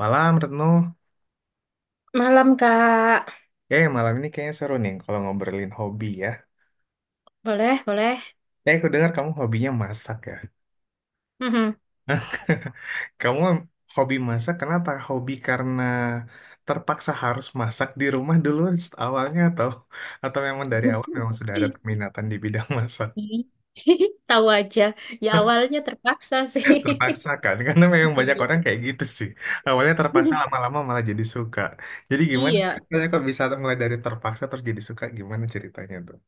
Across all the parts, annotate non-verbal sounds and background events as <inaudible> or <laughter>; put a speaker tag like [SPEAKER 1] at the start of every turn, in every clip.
[SPEAKER 1] Malam, Retno.
[SPEAKER 2] Malam, Kak.
[SPEAKER 1] Eh, malam ini kayaknya seru nih kalau ngobrolin hobi ya.
[SPEAKER 2] Boleh, boleh.
[SPEAKER 1] Eh, aku dengar kamu hobinya masak ya. <laughs>
[SPEAKER 2] Mhm.
[SPEAKER 1] Kamu hobi masak, kenapa? Hobi karena terpaksa harus masak di rumah dulu awalnya atau memang dari awal memang
[SPEAKER 2] <laughs>
[SPEAKER 1] sudah ada peminatan di bidang masak?
[SPEAKER 2] Tahu aja. Ya
[SPEAKER 1] <laughs>
[SPEAKER 2] awalnya terpaksa sih.
[SPEAKER 1] Terpaksa, kan? Karena memang
[SPEAKER 2] <laughs>
[SPEAKER 1] banyak
[SPEAKER 2] Iya.
[SPEAKER 1] orang kayak gitu, sih. Awalnya terpaksa, lama-lama malah jadi suka. Jadi gimana
[SPEAKER 2] Iya.
[SPEAKER 1] ceritanya kok bisa mulai dari terpaksa terus jadi suka? Gimana ceritanya tuh?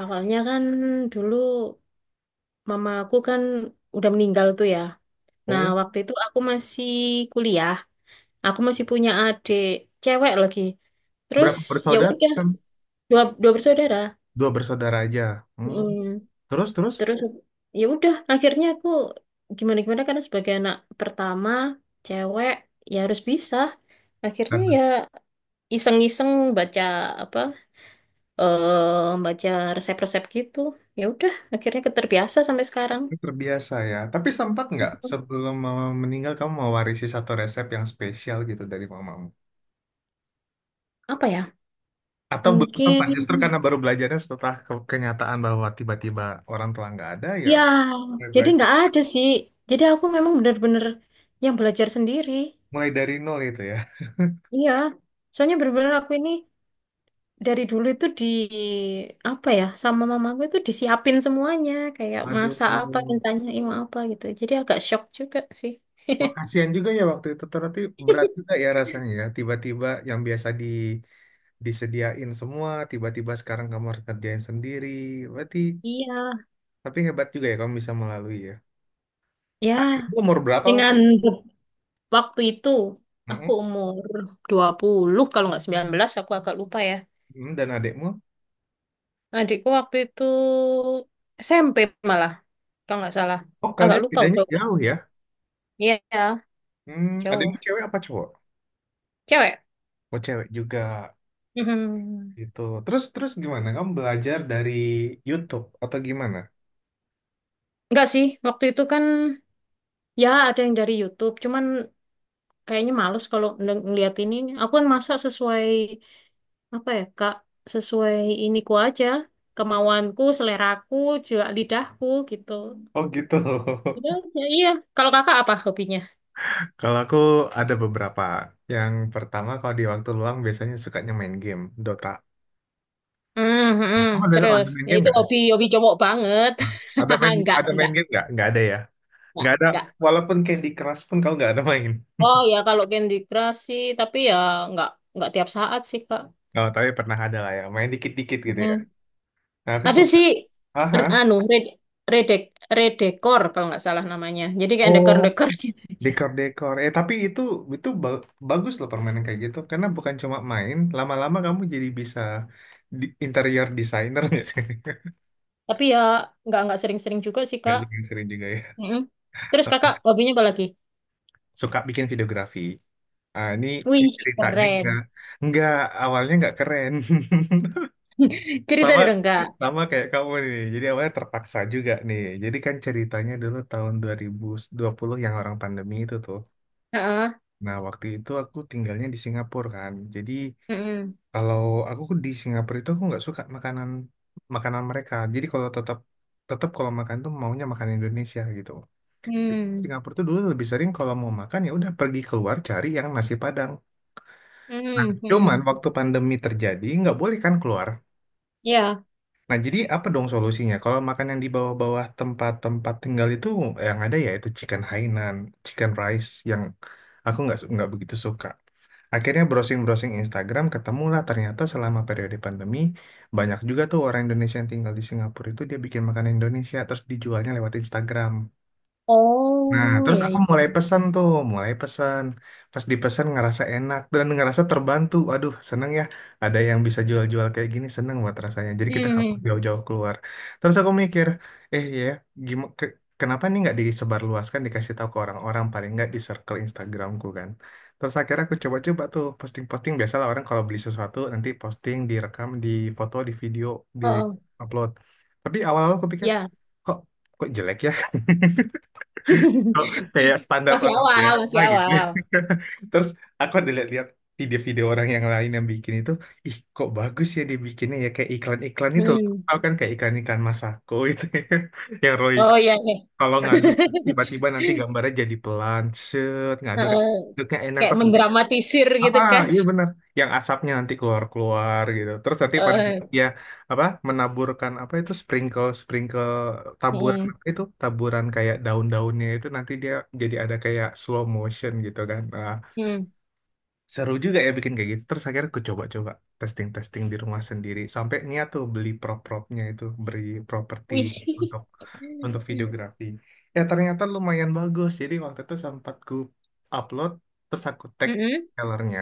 [SPEAKER 2] Awalnya kan dulu mamaku kan udah meninggal tuh ya. Nah,
[SPEAKER 1] Oh,
[SPEAKER 2] waktu itu aku masih kuliah. Aku masih punya adik cewek lagi. Terus
[SPEAKER 1] berapa
[SPEAKER 2] ya
[SPEAKER 1] bersaudara?
[SPEAKER 2] udah dua dua bersaudara.
[SPEAKER 1] 2 bersaudara aja. Hmm.
[SPEAKER 2] Mm.
[SPEAKER 1] Terus, terus?
[SPEAKER 2] Terus ya udah akhirnya aku gimana gimana karena sebagai anak pertama cewek ya harus bisa akhirnya ya
[SPEAKER 1] Karena
[SPEAKER 2] iseng-iseng baca apa eh baca resep-resep gitu ya udah akhirnya keterbiasa sampai sekarang.
[SPEAKER 1] terbiasa, ya. Tapi sempat nggak sebelum mama meninggal kamu mewarisi satu resep yang spesial gitu dari mamamu?
[SPEAKER 2] Apa ya,
[SPEAKER 1] Atau belum sempat
[SPEAKER 2] mungkin
[SPEAKER 1] justru karena baru belajarnya setelah kenyataan bahwa tiba-tiba orang tua nggak ada, ya
[SPEAKER 2] ya,
[SPEAKER 1] mulai
[SPEAKER 2] jadi
[SPEAKER 1] belajar.
[SPEAKER 2] nggak ada sih, jadi aku memang benar-benar yang belajar sendiri.
[SPEAKER 1] Mulai dari nol itu, ya.
[SPEAKER 2] Iya, soalnya benar-benar aku ini dari dulu itu di apa ya, sama mamaku itu disiapin semuanya, kayak
[SPEAKER 1] Aduh.
[SPEAKER 2] masak apa ditanya mau apa gitu, jadi agak shock juga sih.
[SPEAKER 1] Wah, kasihan juga ya waktu itu. Ternyata berat juga
[SPEAKER 2] <laughs>
[SPEAKER 1] ya rasanya ya. Tiba-tiba yang biasa disediain semua, tiba-tiba sekarang kamu harus kerjain sendiri. Berarti,
[SPEAKER 2] Iya,
[SPEAKER 1] tapi hebat juga ya kamu bisa melalui, ya.
[SPEAKER 2] ya
[SPEAKER 1] Adikmu umur berapa?
[SPEAKER 2] dengan waktu itu aku
[SPEAKER 1] Mm-mm.
[SPEAKER 2] umur 20 kalau nggak 19, aku agak lupa ya.
[SPEAKER 1] Mm, dan adikmu?
[SPEAKER 2] Adikku waktu itu SMP malah kalau nggak salah,
[SPEAKER 1] Oh,
[SPEAKER 2] agak
[SPEAKER 1] kalian
[SPEAKER 2] lupa
[SPEAKER 1] bedanya
[SPEAKER 2] udah.
[SPEAKER 1] jauh ya?
[SPEAKER 2] Iya,
[SPEAKER 1] Hmm, adikmu
[SPEAKER 2] jauh.
[SPEAKER 1] cewek apa cowok?
[SPEAKER 2] Cewek.
[SPEAKER 1] Oh, cewek juga.
[SPEAKER 2] Mhm.
[SPEAKER 1] Gitu. Terus terus gimana? Kamu belajar dari YouTube atau gimana?
[SPEAKER 2] Nggak sih, waktu itu kan ya ada yang dari YouTube, cuman kayaknya males kalau ngeliat ini. Aku kan masak sesuai apa ya Kak, sesuai iniku aja, kemauanku, seleraku, juga lidahku gitu.
[SPEAKER 1] Oh, gitu.
[SPEAKER 2] Gitu
[SPEAKER 1] <laughs>
[SPEAKER 2] aja, iya. Kalau kakak apa hobinya?
[SPEAKER 1] Kalau aku ada beberapa. Yang pertama kalau di waktu luang biasanya sukanya main game, Dota.
[SPEAKER 2] Hmm, hmm, hmm.
[SPEAKER 1] Kamu ada,
[SPEAKER 2] Terus,
[SPEAKER 1] ada main
[SPEAKER 2] ya
[SPEAKER 1] game
[SPEAKER 2] itu
[SPEAKER 1] nggak?
[SPEAKER 2] hobi hobi cowok banget.
[SPEAKER 1] Ada
[SPEAKER 2] <laughs>
[SPEAKER 1] main
[SPEAKER 2] Enggak,
[SPEAKER 1] ada main
[SPEAKER 2] enggak,
[SPEAKER 1] game nggak? Nggak ada ya?
[SPEAKER 2] enggak,
[SPEAKER 1] Nggak ada.
[SPEAKER 2] enggak.
[SPEAKER 1] Walaupun Candy Crush pun kamu nggak ada main.
[SPEAKER 2] Oh ya kalau Candy Crush sih, tapi ya enggak tiap saat sih Kak.
[SPEAKER 1] Oh, tapi pernah ada lah ya. Main dikit-dikit gitu ya.
[SPEAKER 2] Mm.
[SPEAKER 1] Nah, aku
[SPEAKER 2] Ada
[SPEAKER 1] selalu
[SPEAKER 2] sih,
[SPEAKER 1] Aha.
[SPEAKER 2] re- anu red redek redekor kalau nggak salah namanya. Jadi kayak
[SPEAKER 1] Oh.
[SPEAKER 2] dekor-dekor <laughs> gitu aja.
[SPEAKER 1] Dekor-dekor. Eh, tapi itu itu bagus loh permainan kayak gitu karena bukan cuma main, lama-lama kamu jadi bisa interior designer ya sih. <laughs>
[SPEAKER 2] Tapi ya nggak sering-sering juga sih
[SPEAKER 1] Gak
[SPEAKER 2] Kak.
[SPEAKER 1] suka sering juga ya.
[SPEAKER 2] Mm-mm. Terus Kakak hobinya apa lagi?
[SPEAKER 1] Suka bikin videografi. Ah, ini
[SPEAKER 2] Wih,
[SPEAKER 1] ceritanya
[SPEAKER 2] keren.
[SPEAKER 1] enggak awalnya nggak keren. <laughs>
[SPEAKER 2] Cerita
[SPEAKER 1] Sama
[SPEAKER 2] dong Kak.
[SPEAKER 1] sama kayak kamu nih. Jadi awalnya terpaksa juga nih. Jadi kan ceritanya dulu tahun dua dua ribu dua puluh yang orang pandemi itu tuh.
[SPEAKER 2] Heeh.
[SPEAKER 1] Nah, waktu itu aku tinggalnya di Singapura kan. Jadi,
[SPEAKER 2] Mm-mm.
[SPEAKER 1] kalau aku di Singapura itu aku nggak suka makanan makanan mereka. Jadi kalau tetap tetap kalau makan tuh maunya makan Indonesia gitu.
[SPEAKER 2] Hmm.
[SPEAKER 1] Singapura tuh dulu lebih sering kalau mau makan ya udah pergi keluar cari yang nasi Padang. Nah,
[SPEAKER 2] Hmm.
[SPEAKER 1] cuman
[SPEAKER 2] Hmm.
[SPEAKER 1] waktu pandemi terjadi nggak boleh kan keluar.
[SPEAKER 2] Ya.
[SPEAKER 1] Nah, jadi apa dong solusinya? Kalau makan yang di bawah-bawah tempat-tempat tinggal itu yang ada ya itu chicken Hainan, chicken rice yang aku nggak nggak begitu suka. Akhirnya browsing-browsing Instagram ketemulah ternyata selama periode pandemi banyak juga tuh orang Indonesia yang tinggal di Singapura itu dia bikin makanan Indonesia terus dijualnya lewat Instagram. Nah,
[SPEAKER 2] Oh,
[SPEAKER 1] terus
[SPEAKER 2] ya.
[SPEAKER 1] aku
[SPEAKER 2] Ya.
[SPEAKER 1] mulai pesan tuh, mulai pesan. Pas dipesan ngerasa enak dan ngerasa terbantu. Aduh, seneng ya. Ada yang bisa jual-jual kayak gini, seneng buat rasanya. Jadi kita nggak perlu
[SPEAKER 2] Hmm.
[SPEAKER 1] jauh-jauh keluar. Terus aku mikir, eh iya ya, gimana, kenapa nih nggak disebarluaskan, dikasih tahu ke orang-orang, paling nggak di circle Instagramku kan. Terus akhirnya aku coba-coba tuh posting-posting. Biasalah orang kalau beli sesuatu, nanti posting, direkam, di foto, di video, di
[SPEAKER 2] Oh,
[SPEAKER 1] upload. Tapi awal-awal aku pikir,
[SPEAKER 2] ya.
[SPEAKER 1] kok kok jelek ya, kok kayak
[SPEAKER 2] <laughs>
[SPEAKER 1] standar
[SPEAKER 2] Masih
[SPEAKER 1] orang
[SPEAKER 2] awal,
[SPEAKER 1] biasa
[SPEAKER 2] masih
[SPEAKER 1] gitu.
[SPEAKER 2] awal.
[SPEAKER 1] <laughs> Terus aku ada lihat-lihat video-video orang yang lain yang bikin itu, ih kok bagus ya dibikinnya ya kayak iklan-iklan itu loh.
[SPEAKER 2] Hmm.
[SPEAKER 1] Tau kan kayak iklan-iklan Masako itu <laughs> ya. Yang Royco
[SPEAKER 2] Oh iya, iya.
[SPEAKER 1] kalau ngaduk
[SPEAKER 2] <laughs>
[SPEAKER 1] tiba-tiba nanti gambarnya jadi pelan, set, ngaduk
[SPEAKER 2] Heeh.
[SPEAKER 1] ngaduknya enak
[SPEAKER 2] Kayak
[SPEAKER 1] terus
[SPEAKER 2] mendramatisir
[SPEAKER 1] Ah,
[SPEAKER 2] gitu
[SPEAKER 1] ah,
[SPEAKER 2] kan.
[SPEAKER 1] iya benar. Yang asapnya nanti keluar-keluar gitu. Terus nanti pada
[SPEAKER 2] Heeh.
[SPEAKER 1] ya apa menaburkan apa itu sprinkle sprinkle taburan
[SPEAKER 2] Hmm.
[SPEAKER 1] apa itu taburan kayak daun-daunnya itu nanti dia jadi ada kayak slow motion gitu kan. Ah,
[SPEAKER 2] Hmm.
[SPEAKER 1] seru juga ya bikin kayak gitu. Terus akhirnya aku coba-coba testing-testing di rumah sendiri sampai niat tuh beli prop-propnya itu properti
[SPEAKER 2] Wih. <laughs>
[SPEAKER 1] untuk untuk videografi. Ya ternyata lumayan bagus. Jadi waktu itu sempat ku upload terus aku tag
[SPEAKER 2] Mm-mm.
[SPEAKER 1] sellernya.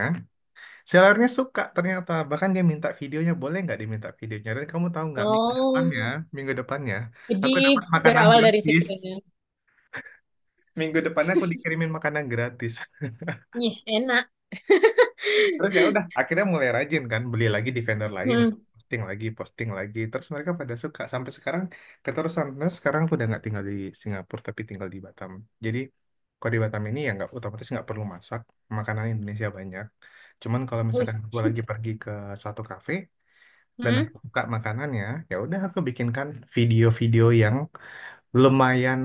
[SPEAKER 1] Sellernya suka ternyata. Bahkan dia minta videonya. Boleh nggak diminta videonya? Dan kamu tahu nggak minggu depannya,
[SPEAKER 2] Oh,
[SPEAKER 1] minggu depannya,
[SPEAKER 2] jadi
[SPEAKER 1] aku dapat makanan
[SPEAKER 2] berawal dari situ
[SPEAKER 1] gratis.
[SPEAKER 2] ya.
[SPEAKER 1] Minggu depannya aku dikirimin makanan gratis.
[SPEAKER 2] Ih, enak. <laughs>
[SPEAKER 1] <laughs> Terus ya udah, akhirnya mulai rajin kan. Beli lagi di vendor lain.
[SPEAKER 2] Hmm.
[SPEAKER 1] Posting lagi, posting lagi. Terus mereka pada suka. Sampai sekarang keterusan. Nah, sekarang aku udah nggak tinggal di Singapura, tapi tinggal di Batam. Jadi kalau di Batam ini ya nggak otomatis nggak perlu masak. Makanan Indonesia banyak. Cuman kalau
[SPEAKER 2] Wih.
[SPEAKER 1] misalkan gue lagi pergi ke satu kafe, dan aku
[SPEAKER 2] Hmm.
[SPEAKER 1] suka makanannya ya, ya udah aku bikinkan video-video yang lumayan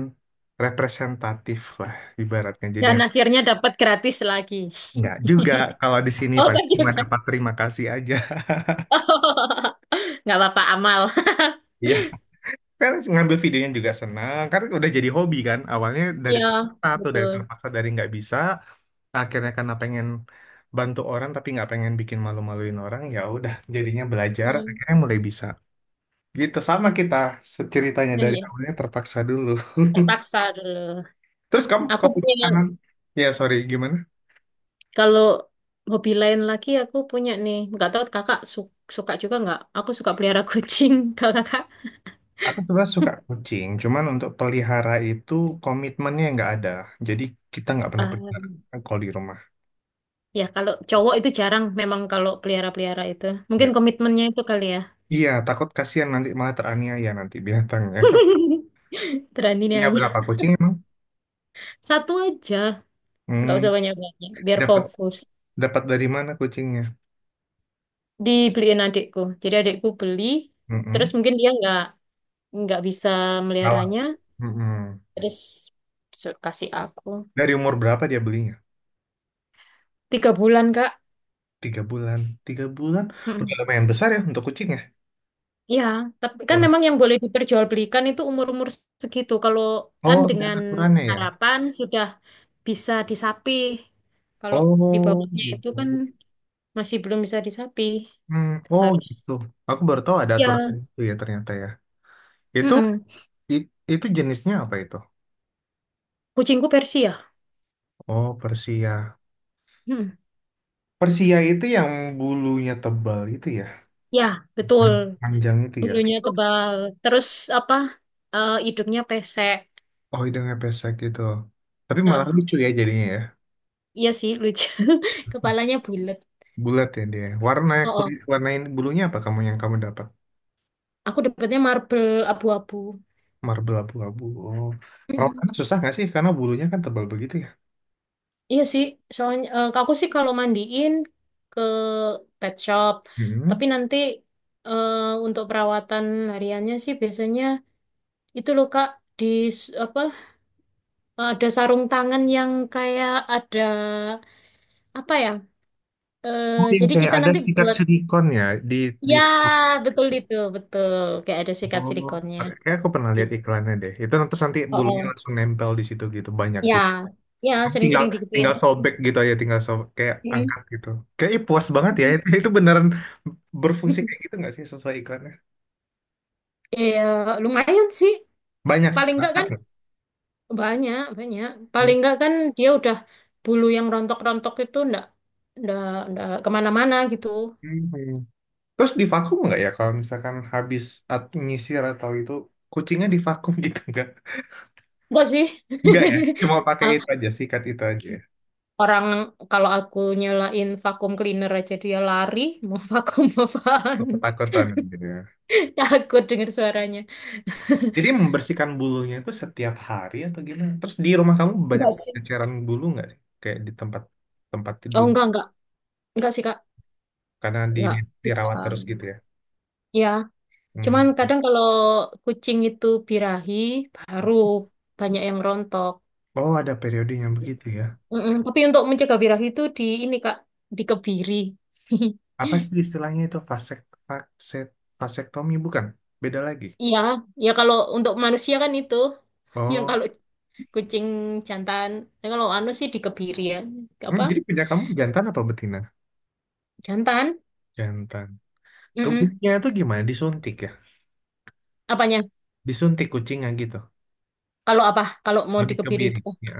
[SPEAKER 1] representatif lah ibaratnya. Jadi
[SPEAKER 2] Dan akhirnya dapat gratis lagi.
[SPEAKER 1] nggak juga, kalau di sini
[SPEAKER 2] Oh,
[SPEAKER 1] paling
[SPEAKER 2] thank
[SPEAKER 1] cuma
[SPEAKER 2] you.
[SPEAKER 1] dapat terima kasih aja.
[SPEAKER 2] <laughs> Nggak apa-apa, amal. <laughs>
[SPEAKER 1] <laughs> Iya, kan ngambil videonya juga senang karena udah jadi hobi kan. Awalnya dari
[SPEAKER 2] Iya,
[SPEAKER 1] terpaksa atau dari
[SPEAKER 2] betul.
[SPEAKER 1] terpaksa dari nggak bisa, akhirnya karena pengen bantu orang tapi nggak pengen bikin malu-maluin orang ya udah jadinya belajar,
[SPEAKER 2] Hmm.
[SPEAKER 1] akhirnya mulai bisa gitu. Sama kita ceritanya,
[SPEAKER 2] Nah,
[SPEAKER 1] dari
[SPEAKER 2] iya,
[SPEAKER 1] awalnya terpaksa dulu. <laughs>
[SPEAKER 2] terpaksa dulu.
[SPEAKER 1] Terus kamu
[SPEAKER 2] Aku
[SPEAKER 1] kalau
[SPEAKER 2] punya,
[SPEAKER 1] makanan, ya sorry gimana?
[SPEAKER 2] Kalau hobi lain lagi, aku punya nih. Nggak tahu kakak suka juga nggak? Aku suka pelihara kucing. <laughs> Kalau kakak?
[SPEAKER 1] Aku sebenarnya suka kucing, cuman untuk pelihara itu komitmennya nggak ada. Jadi kita nggak pernah pelihara kalau di rumah.
[SPEAKER 2] Ya, kalau cowok itu jarang memang kalau pelihara-pelihara itu.
[SPEAKER 1] Ya.
[SPEAKER 2] Mungkin komitmennya itu kali ya.
[SPEAKER 1] Iya, takut kasihan nanti malah teraniaya nanti binatangnya.
[SPEAKER 2] <laughs> Berani
[SPEAKER 1] <laughs>
[SPEAKER 2] nih
[SPEAKER 1] Punya
[SPEAKER 2] aja.
[SPEAKER 1] berapa kucing emang?
[SPEAKER 2] Satu aja, nggak usah
[SPEAKER 1] Hmm,
[SPEAKER 2] banyak-banyak, biar
[SPEAKER 1] dapat
[SPEAKER 2] fokus.
[SPEAKER 1] dapat dari mana kucingnya?
[SPEAKER 2] Dibeliin adikku. Jadi adikku beli, terus
[SPEAKER 1] Mm-mm.
[SPEAKER 2] mungkin dia nggak bisa
[SPEAKER 1] Kalah.
[SPEAKER 2] meliharanya,
[SPEAKER 1] Mm-mm.
[SPEAKER 2] terus kasih aku.
[SPEAKER 1] Dari umur berapa dia belinya?
[SPEAKER 2] 3 bulan, Kak.
[SPEAKER 1] 3 bulan. 3 bulan? Udah
[SPEAKER 2] Mm-mm.
[SPEAKER 1] lumayan besar ya untuk kucingnya.
[SPEAKER 2] Ya, tapi kan
[SPEAKER 1] Udah.
[SPEAKER 2] memang yang boleh diperjualbelikan itu umur-umur segitu. Kalau
[SPEAKER 1] Oh,
[SPEAKER 2] kan
[SPEAKER 1] ada
[SPEAKER 2] dengan
[SPEAKER 1] aturannya ya?
[SPEAKER 2] harapan sudah bisa disapih. Kalau di
[SPEAKER 1] Oh,
[SPEAKER 2] bawahnya itu kan
[SPEAKER 1] gitu.
[SPEAKER 2] masih belum bisa di sapi.
[SPEAKER 1] Hmm, oh
[SPEAKER 2] Harus.
[SPEAKER 1] gitu. Aku baru tahu ada aturan
[SPEAKER 2] Ya.
[SPEAKER 1] itu ya ternyata ya. Itu
[SPEAKER 2] Mm-mm.
[SPEAKER 1] i- itu jenisnya apa itu?
[SPEAKER 2] Kucingku Persia.
[SPEAKER 1] Oh, Persia.
[SPEAKER 2] Mm.
[SPEAKER 1] Persia itu yang bulunya tebal itu ya.
[SPEAKER 2] Ya, betul.
[SPEAKER 1] Panjang itu ya.
[SPEAKER 2] Bulunya
[SPEAKER 1] Itu,
[SPEAKER 2] tebal. Terus apa? Eh, hidungnya pesek.
[SPEAKER 1] oh, hidungnya pesek gitu. Tapi malah
[SPEAKER 2] Heeh.
[SPEAKER 1] lucu ya jadinya ya.
[SPEAKER 2] Iya sih, lucu. <laughs> Kepalanya bulat.
[SPEAKER 1] Bulat ya dia. Warna
[SPEAKER 2] Oh, oh.
[SPEAKER 1] kulit warnain bulunya apa kamu yang kamu dapat?
[SPEAKER 2] Aku dapetnya marble abu-abu.
[SPEAKER 1] Marble abu-abu. Oh.
[SPEAKER 2] Mm-mm.
[SPEAKER 1] Perawatannya susah nggak sih? Karena bulunya kan tebal begitu ya.
[SPEAKER 2] Iya sih, soalnya aku sih kalau mandiin ke pet shop.
[SPEAKER 1] Hmm.
[SPEAKER 2] Tapi nanti eh, untuk perawatan hariannya sih biasanya itu loh Kak, di s- apa ada sarung tangan yang kayak ada apa ya? Eh,
[SPEAKER 1] Oh, yang
[SPEAKER 2] jadi
[SPEAKER 1] kayak
[SPEAKER 2] kita
[SPEAKER 1] ada
[SPEAKER 2] nanti
[SPEAKER 1] sikat
[SPEAKER 2] buat,
[SPEAKER 1] silikon ya di di
[SPEAKER 2] ya betul, itu betul, kayak ada sikat
[SPEAKER 1] Oh,
[SPEAKER 2] silikonnya.
[SPEAKER 1] kayak kayak aku pernah lihat iklannya deh. Itu terus nanti
[SPEAKER 2] Oh,
[SPEAKER 1] bulunya
[SPEAKER 2] oh.
[SPEAKER 1] langsung nempel di situ gitu banyak
[SPEAKER 2] Ya,
[SPEAKER 1] gitu.
[SPEAKER 2] ya,
[SPEAKER 1] Tinggal
[SPEAKER 2] sering-sering digituin.
[SPEAKER 1] tinggal sobek gitu aja, tinggal sobek kayak
[SPEAKER 2] Mm.
[SPEAKER 1] angkat gitu. Kayak ih, puas banget ya. Itu beneran berfungsi kayak
[SPEAKER 2] <laughs>
[SPEAKER 1] gitu nggak sih sesuai iklannya?
[SPEAKER 2] Iya, lumayan sih.
[SPEAKER 1] Banyak
[SPEAKER 2] Paling enggak kan
[SPEAKER 1] angkat.
[SPEAKER 2] banyak, banyak. Paling
[SPEAKER 1] Nggak?
[SPEAKER 2] enggak kan dia udah, bulu yang rontok-rontok itu enggak enggak kemana-mana gitu.
[SPEAKER 1] Hmm. Terus divakum nggak ya kalau misalkan habis nyisir atau itu kucingnya divakum <laughs> gitu nggak?
[SPEAKER 2] Enggak sih.
[SPEAKER 1] Nggak ya, cuma pakai itu
[SPEAKER 2] <laughs>
[SPEAKER 1] aja sikat itu aja, ya?
[SPEAKER 2] Orang kalau aku nyalain vakum cleaner aja dia lari, <laughs> mau vakum apaan?
[SPEAKER 1] Ketakutan gitu, ya.
[SPEAKER 2] <laughs> Takut denger suaranya.
[SPEAKER 1] Jadi membersihkan bulunya itu setiap hari atau gimana? Terus di rumah kamu banyak
[SPEAKER 2] Enggak sih.
[SPEAKER 1] ceceran bulu nggak sih? Kayak di tempat tempat
[SPEAKER 2] Oh
[SPEAKER 1] tidur
[SPEAKER 2] enggak, enggak. Enggak sih, Kak.
[SPEAKER 1] karena di
[SPEAKER 2] Enggak.
[SPEAKER 1] dirawat
[SPEAKER 2] Enggak.
[SPEAKER 1] terus gitu ya.
[SPEAKER 2] Ya, cuman
[SPEAKER 1] Hmm.
[SPEAKER 2] kadang kalau kucing itu birahi, baru banyak yang rontok.
[SPEAKER 1] Oh, ada periodenya begitu ya.
[SPEAKER 2] Mm-mm. Tapi untuk mencegah birahi itu di ini, Kak, dikebiri. <laughs>
[SPEAKER 1] Apa sih istilahnya itu vakset vasektomi bukan? Beda lagi.
[SPEAKER 2] Iya, ya kalau untuk manusia kan itu yang
[SPEAKER 1] Oh.
[SPEAKER 2] kalau kucing jantan, ya kalau anu sih dikebiri ya,
[SPEAKER 1] Hmm,
[SPEAKER 2] apa,
[SPEAKER 1] jadi punya kamu jantan apa betina?
[SPEAKER 2] jantan.
[SPEAKER 1] Jantan.
[SPEAKER 2] Mm-mm.
[SPEAKER 1] Kebunnya itu gimana? Disuntik ya?
[SPEAKER 2] Apanya?
[SPEAKER 1] Disuntik kucingnya gitu.
[SPEAKER 2] Kalau apa? Kalau mau
[SPEAKER 1] Mau
[SPEAKER 2] dikebiri
[SPEAKER 1] dikebiri.
[SPEAKER 2] itu? Oh,
[SPEAKER 1] Ya.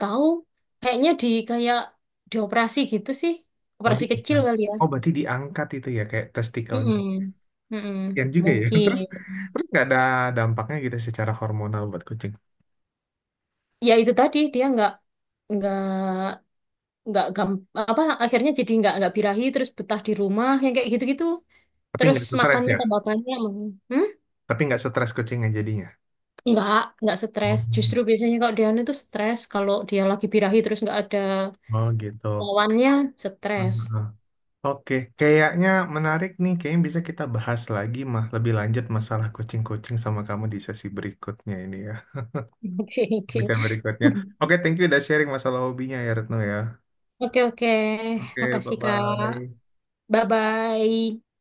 [SPEAKER 2] tahu. Kayaknya di kayak dioperasi gitu sih.
[SPEAKER 1] Mau
[SPEAKER 2] Operasi
[SPEAKER 1] di-
[SPEAKER 2] kecil kali ya.
[SPEAKER 1] Oh, berarti diangkat itu ya kayak testikelnya.
[SPEAKER 2] Mm-mm. Mm-mm.
[SPEAKER 1] Kasian juga ya. <laughs> Terus
[SPEAKER 2] Mungkin.
[SPEAKER 1] terus nggak ada dampaknya gitu secara hormonal buat kucing.
[SPEAKER 2] Ya itu tadi dia nggak nggak gam apa akhirnya jadi nggak birahi, terus betah di rumah yang kayak gitu-gitu.
[SPEAKER 1] Tapi
[SPEAKER 2] Terus
[SPEAKER 1] nggak stres
[SPEAKER 2] makannya
[SPEAKER 1] ya.
[SPEAKER 2] tambah banyak. Hmm?
[SPEAKER 1] Tapi nggak stres kucingnya jadinya.
[SPEAKER 2] Nggak, nggak stres.
[SPEAKER 1] Oh,
[SPEAKER 2] Justru biasanya kalau dia itu stres. Kalau dia lagi birahi terus nggak ada
[SPEAKER 1] oh gitu.
[SPEAKER 2] lawannya, stres.
[SPEAKER 1] Ah, oke, kayaknya menarik nih. Kayaknya bisa kita bahas lagi mah lebih lanjut masalah kucing-kucing sama kamu di sesi berikutnya ini ya.
[SPEAKER 2] <laughs> Oke, oke.
[SPEAKER 1] Bicara berikutnya. Oke, thank you udah sharing masalah hobinya ya Retno ya.
[SPEAKER 2] Oke, oke.
[SPEAKER 1] Oke,
[SPEAKER 2] Makasih, Kak.
[SPEAKER 1] bye-bye.
[SPEAKER 2] Bye-bye.